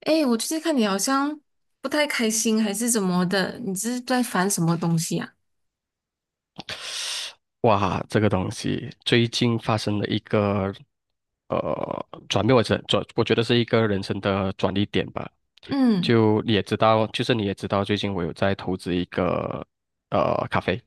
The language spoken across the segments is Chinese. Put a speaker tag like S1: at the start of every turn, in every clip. S1: 哎，我最近看你好像不太开心，还是怎么的？你是在烦什么东西呀、
S2: 哇，这个东西最近发生了一个转变，我觉得是一个人生的转捩点吧。
S1: 嗯
S2: 就是你也知道，最近我有在投资一个咖啡，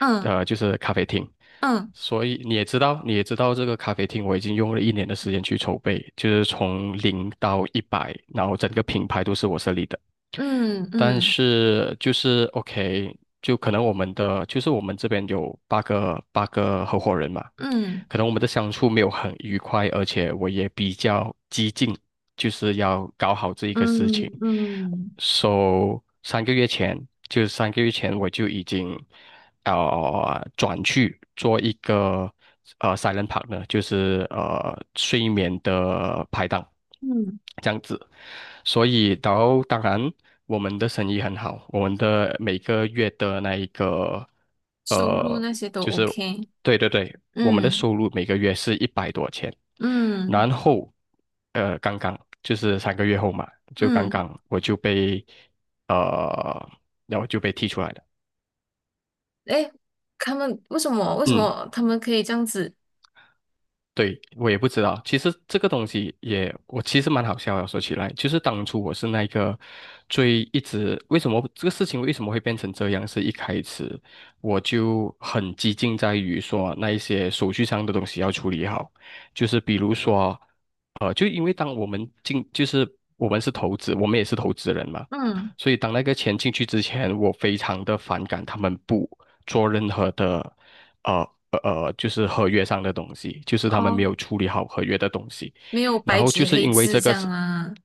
S1: 嗯
S2: 就是咖啡厅，
S1: 嗯
S2: 所以你也知道，你也知道这个咖啡厅我已经用了一年的时间去筹备，就是从零到一百，然后整个品牌都是我设立的。
S1: 嗯
S2: 但
S1: 嗯
S2: 是就是 OK，就可能我们的就是我们这边有八个合伙人嘛，
S1: 嗯
S2: 可能我们的相处没有很愉快，而且我也比较激进，就是要搞好这一个事情。
S1: 嗯嗯
S2: So三个月前我就已经转去做一个silent partner，就是睡眠的拍档
S1: 嗯，
S2: 这样子。所以，当然我们的生意很好，我们的每个月的那一个
S1: 收入
S2: 呃
S1: 那些都
S2: 就是
S1: OK。
S2: 对对对，我们的
S1: 嗯
S2: 收入每个月是100多钱，
S1: 嗯
S2: 然后刚刚就是3个月后嘛，就刚
S1: 嗯。
S2: 刚我就被呃然后就被踢出来了。
S1: 哎，他们为什么为什
S2: 嗯。
S1: 么他们可以这样子？
S2: 对，我也不知道。其实这个东西也，我其实蛮好笑的。说起来，就是当初我是那个一直为什么这个事情为什么会变成这样，是一开始我就很激进在于说那一些手续上的东西要处理好，就是比如说，就因为当我们进，就是我们是投资，我们也是投资人嘛，
S1: 嗯。
S2: 所以当那个钱进去之前，我非常的反感他们不做任何的。就是合约上的东西，就是他们没
S1: 哦，
S2: 有处理好合约的东西，
S1: 没有
S2: 然
S1: 白
S2: 后就
S1: 纸
S2: 是
S1: 黑
S2: 因为这
S1: 字这
S2: 个是，
S1: 样啊。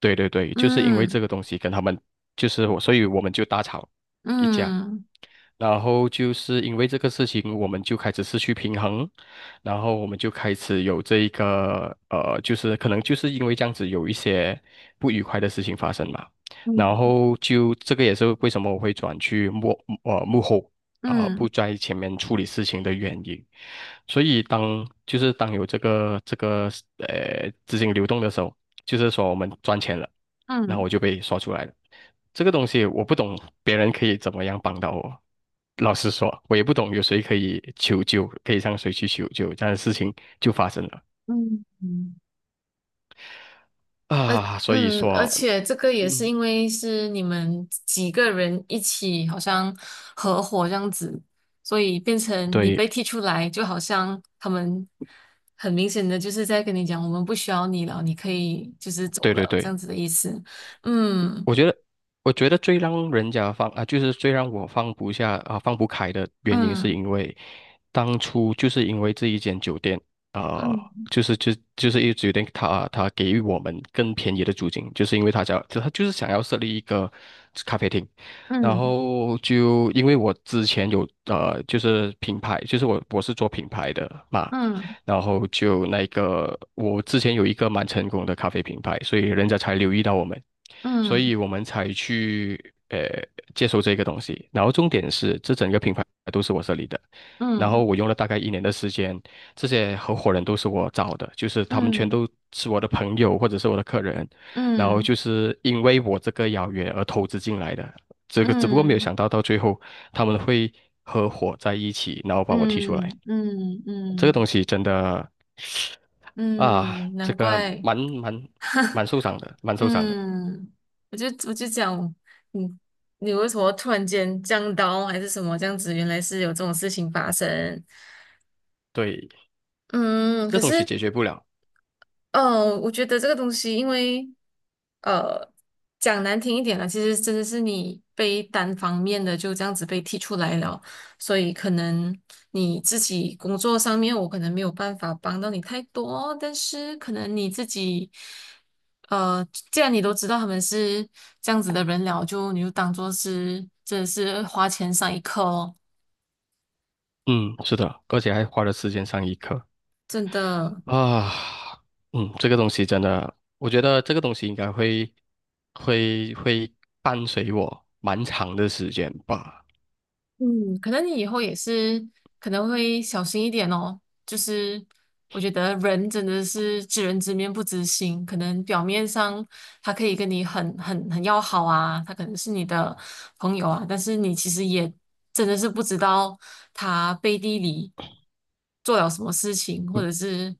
S2: 对对对，就是因为这
S1: 嗯
S2: 个东西跟他们就是我，所以我们就大吵一架，
S1: 嗯
S2: 然后就是因为这个事情，我们就开始失去平衡，然后我们就开始有这一个就是可能就是因为这样子有一些不愉快的事情发生嘛。然
S1: 嗯
S2: 后就这个也是为什么我会转去幕后啊、不
S1: 嗯
S2: 在前面处理事情的原因。所以当就是当有这个资金流动的时候，就是说我们赚钱了。然后
S1: 嗯
S2: 我就被刷出来了。这个东西我不懂，别人可以怎么样帮到我？老实说，我也不懂有谁可以求救，可以向谁去求救，这样的事情就发生了
S1: 嗯嗯。呃，
S2: 啊。所以
S1: 嗯，而
S2: 说，
S1: 且这个也是
S2: 嗯，
S1: 因为是你们几个人一起，好像合伙这样子，所以变成你
S2: 对
S1: 被踢出来，就好像他们很明显的就是在跟你讲，我们不需要你了，你可以就是走
S2: 对对
S1: 了，这
S2: 对，
S1: 样子的意思。嗯
S2: 我觉得，我觉得最让人家放啊，就是最让我放不下啊，放不开的原因，是
S1: 嗯
S2: 因为当初就是因为这一间酒店，啊，
S1: 嗯
S2: 就是一酒店他给予我们更便宜的租金，就是因为他就是想要设立一个咖啡厅，然
S1: 嗯
S2: 后就因为我之前有就是品牌，就是我是做品牌的嘛，
S1: 嗯
S2: 然后就那个我之前有一个蛮成功的咖啡品牌，所以人家才留意到我们。所以
S1: 嗯
S2: 我们才去呃接受这个东西。然后重点是，这整个品牌都是我设立的，然后
S1: 嗯
S2: 我用了大概一年的时间，这些合伙人都是我找的，就是他们全
S1: 嗯
S2: 都是我的朋友或者是我的客人，然后
S1: 嗯
S2: 就是因为我这个邀约而投资进来的。这个只不过没有
S1: 嗯
S2: 想到到最后他们会合伙在一起，然后把我踢出来。
S1: 嗯嗯嗯
S2: 这个
S1: 嗯，
S2: 东西真的啊，
S1: 嗯
S2: 这
S1: 难
S2: 个
S1: 怪。
S2: 蛮 受伤的，蛮受伤的。
S1: 嗯，我就讲。嗯，你为什么突然间降刀还是什么这样子？原来是有这种事情发生。
S2: 对，
S1: 嗯，
S2: 这
S1: 可
S2: 东西
S1: 是
S2: 解决不了。
S1: 哦，我觉得这个东西，因为呃，讲难听一点了，其实真的是你被单方面的就这样子被踢出来了，所以可能你自己工作上面，我可能没有办法帮到你太多，但是可能你自己，呃，既然你都知道他们是这样子的人了，就你就当做是真的是花钱上一课哦，
S2: 嗯，是的，而且还花了时间上一课
S1: 真的。
S2: 啊。嗯，这个东西真的，我觉得这个东西应该会伴随我蛮长的时间吧。
S1: 嗯，可能你以后也是可能会小心一点哦。就是我觉得人真的是知人知面不知心，可能表面上他可以跟你很很很要好啊，他可能是你的朋友啊，但是你其实也真的是不知道他背地里做了什么事情，或者是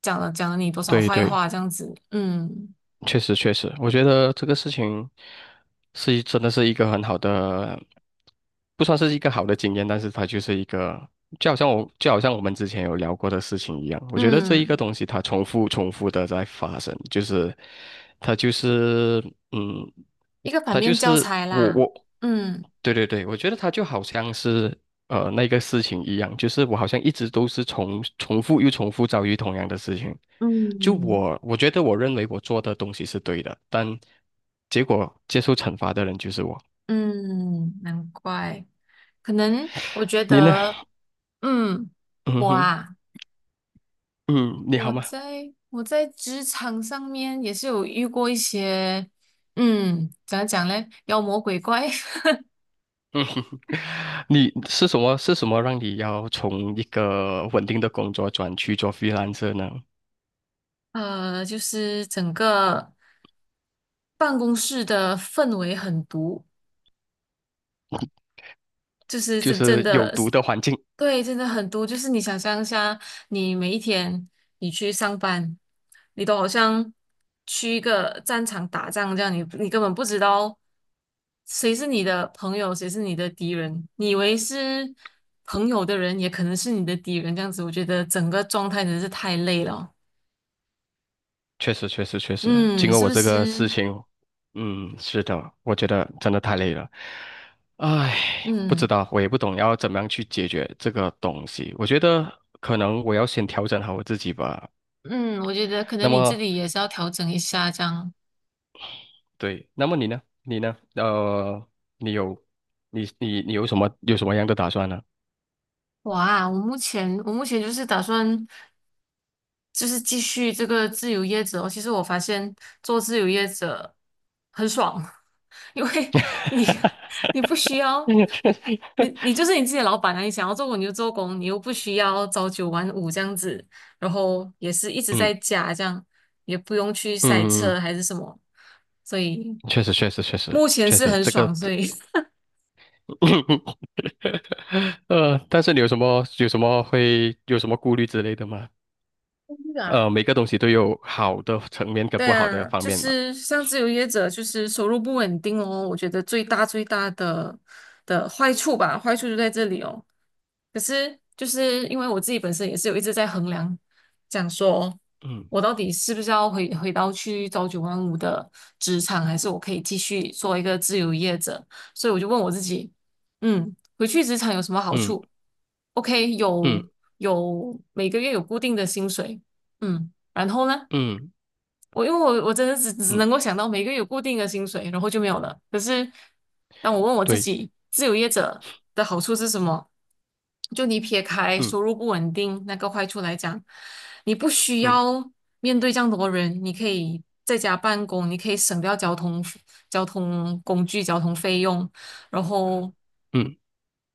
S1: 讲了你多少
S2: 对
S1: 坏
S2: 对。
S1: 话这样子。嗯
S2: 确实确实，我觉得这个事情真的是一个很好的，不算是一个好的经验，但是它就是一个，就好像我们之前有聊过的事情一样，我觉得这一个
S1: 嗯，
S2: 东西它重复重复的在发生，就是它就是嗯，
S1: 一个反
S2: 它就
S1: 面教
S2: 是
S1: 材
S2: 我
S1: 啦。
S2: 我，
S1: 嗯
S2: 对对对，我觉得它就好像是那个事情一样，就是我好像一直都是重重复又重复遭遇同样的事情。就
S1: 嗯。
S2: 我，我觉得我认为我做的东西是对的，但结果接受惩罚的人就是我。
S1: 嗯，难怪，可能我觉
S2: 你呢？
S1: 得，嗯，
S2: 嗯
S1: 我
S2: 哼，
S1: 啊，
S2: 嗯，你好
S1: 我
S2: 吗？
S1: 在我在职场上面也是有遇过一些，嗯，怎样讲嘞，妖魔鬼怪。
S2: 嗯哼，你是什么？是什么让你要从一个稳定的工作转去做 freelancer 呢？
S1: 就是整个办公室的氛围很毒，就是
S2: 就
S1: 真真
S2: 是有
S1: 的
S2: 毒的环境。
S1: 对，真的很多。就是你想象一下，你每一天你去上班，你都好像去一个战场打仗这样，你你根本不知道谁是你的朋友，谁是你的敌人。你以为是朋友的人，也可能是你的敌人。这样子，我觉得整个状态真的是太累了。
S2: 确实，确实，确实，经
S1: 嗯，
S2: 过
S1: 是
S2: 我
S1: 不
S2: 这个事
S1: 是？
S2: 情，嗯，是的，我觉得真的太累了。唉，不知
S1: 嗯
S2: 道，我也不懂要怎么样去解决这个东西。我觉得可能我要先调整好我自己吧。
S1: 嗯，我觉得可
S2: 那
S1: 能你自
S2: 么，
S1: 己也是要调整一下这样。
S2: 对，那么你呢？你有，你有什么样的打算呢？
S1: 哇，我目前就是打算。就是继续这个自由业者哦。其实我发现做自由业者很爽。因为你你不需要，你你就是你自己的老板啊，你想要做工你就做工，你又不需要朝九晚五这样子，然后也是一直
S2: 嗯
S1: 在家这样，也不用去塞
S2: 嗯嗯，
S1: 车还是什么，所以
S2: 确实确实确实
S1: 目前
S2: 确
S1: 是
S2: 实，
S1: 很
S2: 这个
S1: 爽，所以
S2: 但是你有什么有什么会有什么顾虑之类的吗？每个东西都有好的层面跟
S1: 对
S2: 不好的
S1: 啊，
S2: 方
S1: 就
S2: 面嘛。
S1: 是像自由业者，就是收入不稳定哦。我觉得最大的坏处吧，坏处就在这里哦。可是就是因为我自己本身也是有一直在衡量，讲说
S2: 嗯
S1: 我到底是不是要回到去朝九晚五的职场，还是我可以继续做一个自由业者？所以我就问我自己，嗯，回去职场有什么好
S2: 嗯
S1: 处？OK，
S2: 嗯
S1: 有每个月有固定的薪水，嗯，然后呢？
S2: 嗯
S1: 我因为我真的只
S2: 嗯，
S1: 能
S2: 嗯
S1: 够想到每个月有固定的薪水，然后就没有了。可是当我问我自
S2: 对，
S1: 己，自由业者的好处是什么？就你撇开
S2: 嗯
S1: 收入不稳定那个坏处来讲，你不需
S2: 嗯
S1: 要面对这样多人，你可以在家办公，你可以省掉交通工具、交通费用，然后
S2: 嗯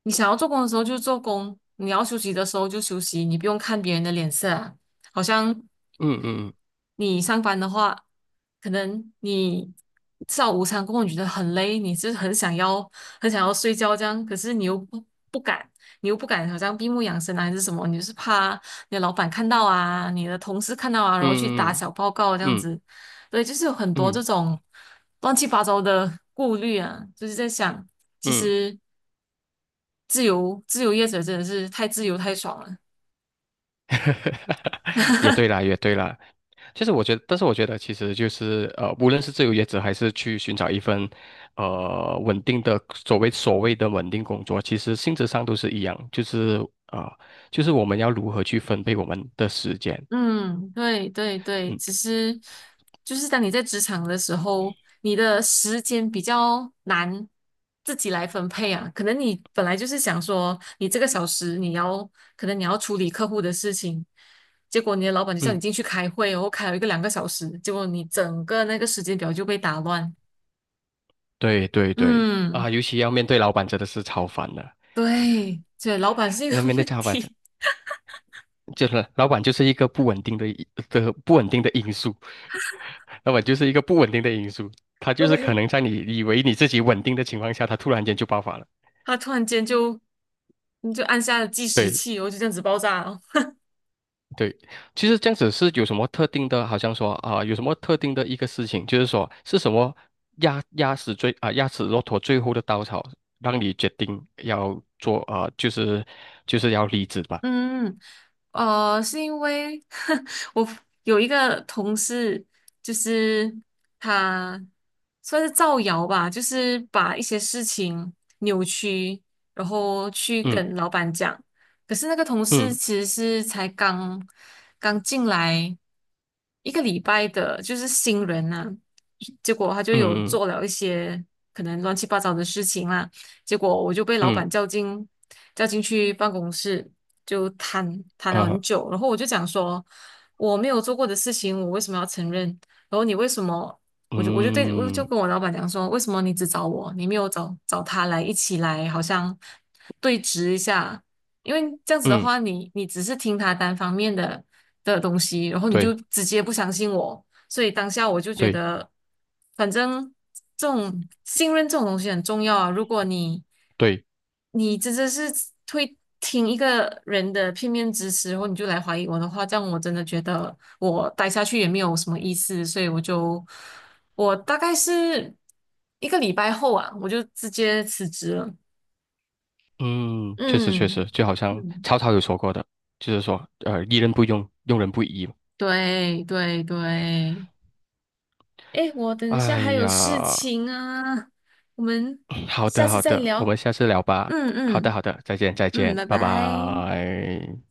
S1: 你想要做工的时候就做工，你要休息的时候就休息，你不用看别人的脸色啊。好像
S2: 嗯嗯嗯
S1: 你上班的话，可能你吃完午餐过后你觉得很累，你就是很想要睡觉这样，可是你又不敢，你又不敢好像闭目养神啊还是什么，你就是怕你的老板看到啊，你的同事看到啊，然后去打
S2: 嗯
S1: 小报告这样
S2: 嗯嗯
S1: 子，对，就是有很多
S2: 嗯
S1: 这
S2: 嗯嗯
S1: 种乱七八糟的顾虑啊，就是在想，其
S2: 嗯
S1: 实自由业者真的是太自由太爽了。
S2: 也对啦，也对啦。其实我觉得，但是我觉得，其实就是无论是自由业者还是去寻找一份稳定的所谓的稳定工作，其实性质上都是一样，就是呃，就是我们要如何去分配我们的时间。
S1: 嗯，对对对，
S2: 嗯
S1: 其实就是当你在职场的时候，你的时间比较难自己来分配啊。可能你本来就是想说，你这个小时你要，可能你要处理客户的事情，结果你的老板就叫你
S2: 嗯，
S1: 进去开会哦，然后开了一个两个小时，结果你整个那个时间表就被打乱。
S2: 对对对
S1: 嗯，
S2: 啊，尤其要面对老板，真的是超烦的。
S1: 对，对，老板是一个
S2: 那面 对
S1: 问
S2: 老板，
S1: 题，
S2: 就是老板就是一个不稳定的因素。那么就是一个不稳定的因素，它就是可
S1: 对，
S2: 能在你以为你自己稳定的情况下，它突然间就爆发了。
S1: 他突然间就你就按下了计时
S2: 对
S1: 器哦，然后就这样子爆炸了。
S2: 对，其实这样子是有什么特定的，好像说啊、有什么特定的一个事情，就是说是什么压死骆驼最后的稻草，让你决定要做啊、就是要离职吧。
S1: 嗯，是因为 我有一个同事，就是他算是造谣吧，就是把一些事情扭曲，然后去
S2: 嗯
S1: 跟老板讲。可是那个同事
S2: 嗯
S1: 其实是才刚刚进来一个礼拜的，就是新人呐、结果他就有
S2: 嗯嗯
S1: 做了一些可能乱七八糟的事情啦，结果我就被老板
S2: 嗯
S1: 叫进去办公室。就谈了很
S2: 啊
S1: 久，然后我就讲说我没有做过的事情，我为什么要承认？然后你为什么？我就
S2: 嗯
S1: 跟我老板讲说，为什么你只找我，你没有找他来一起来，好像对峙一下？因为这样子的
S2: 嗯，
S1: 话，你只是听他单方面的东西，然后你就
S2: 对
S1: 直接不相信我，所以当下我就觉
S2: 对
S1: 得，反正这种信任这种东西很重要啊。如果你
S2: 对
S1: 你真的是会听一个人的片面之词，然后你就来怀疑我的话，这样我真的觉得我待下去也没有什么意思。所以我大概是一个礼拜后啊，我就直接辞职了。
S2: 嗯，确实确
S1: 嗯
S2: 实，就好像
S1: 嗯，
S2: 曹操有说过的，就是说，疑人不用，用人不疑。
S1: 对对对，哎，我等一下
S2: 哎
S1: 还有事
S2: 呀，
S1: 情啊，我们
S2: 好
S1: 下
S2: 的
S1: 次
S2: 好
S1: 再
S2: 的，我们
S1: 聊。
S2: 下次聊吧。
S1: 嗯
S2: 好的
S1: 嗯
S2: 好的，再见再
S1: 嗯，
S2: 见，
S1: 拜
S2: 拜
S1: 拜。
S2: 拜。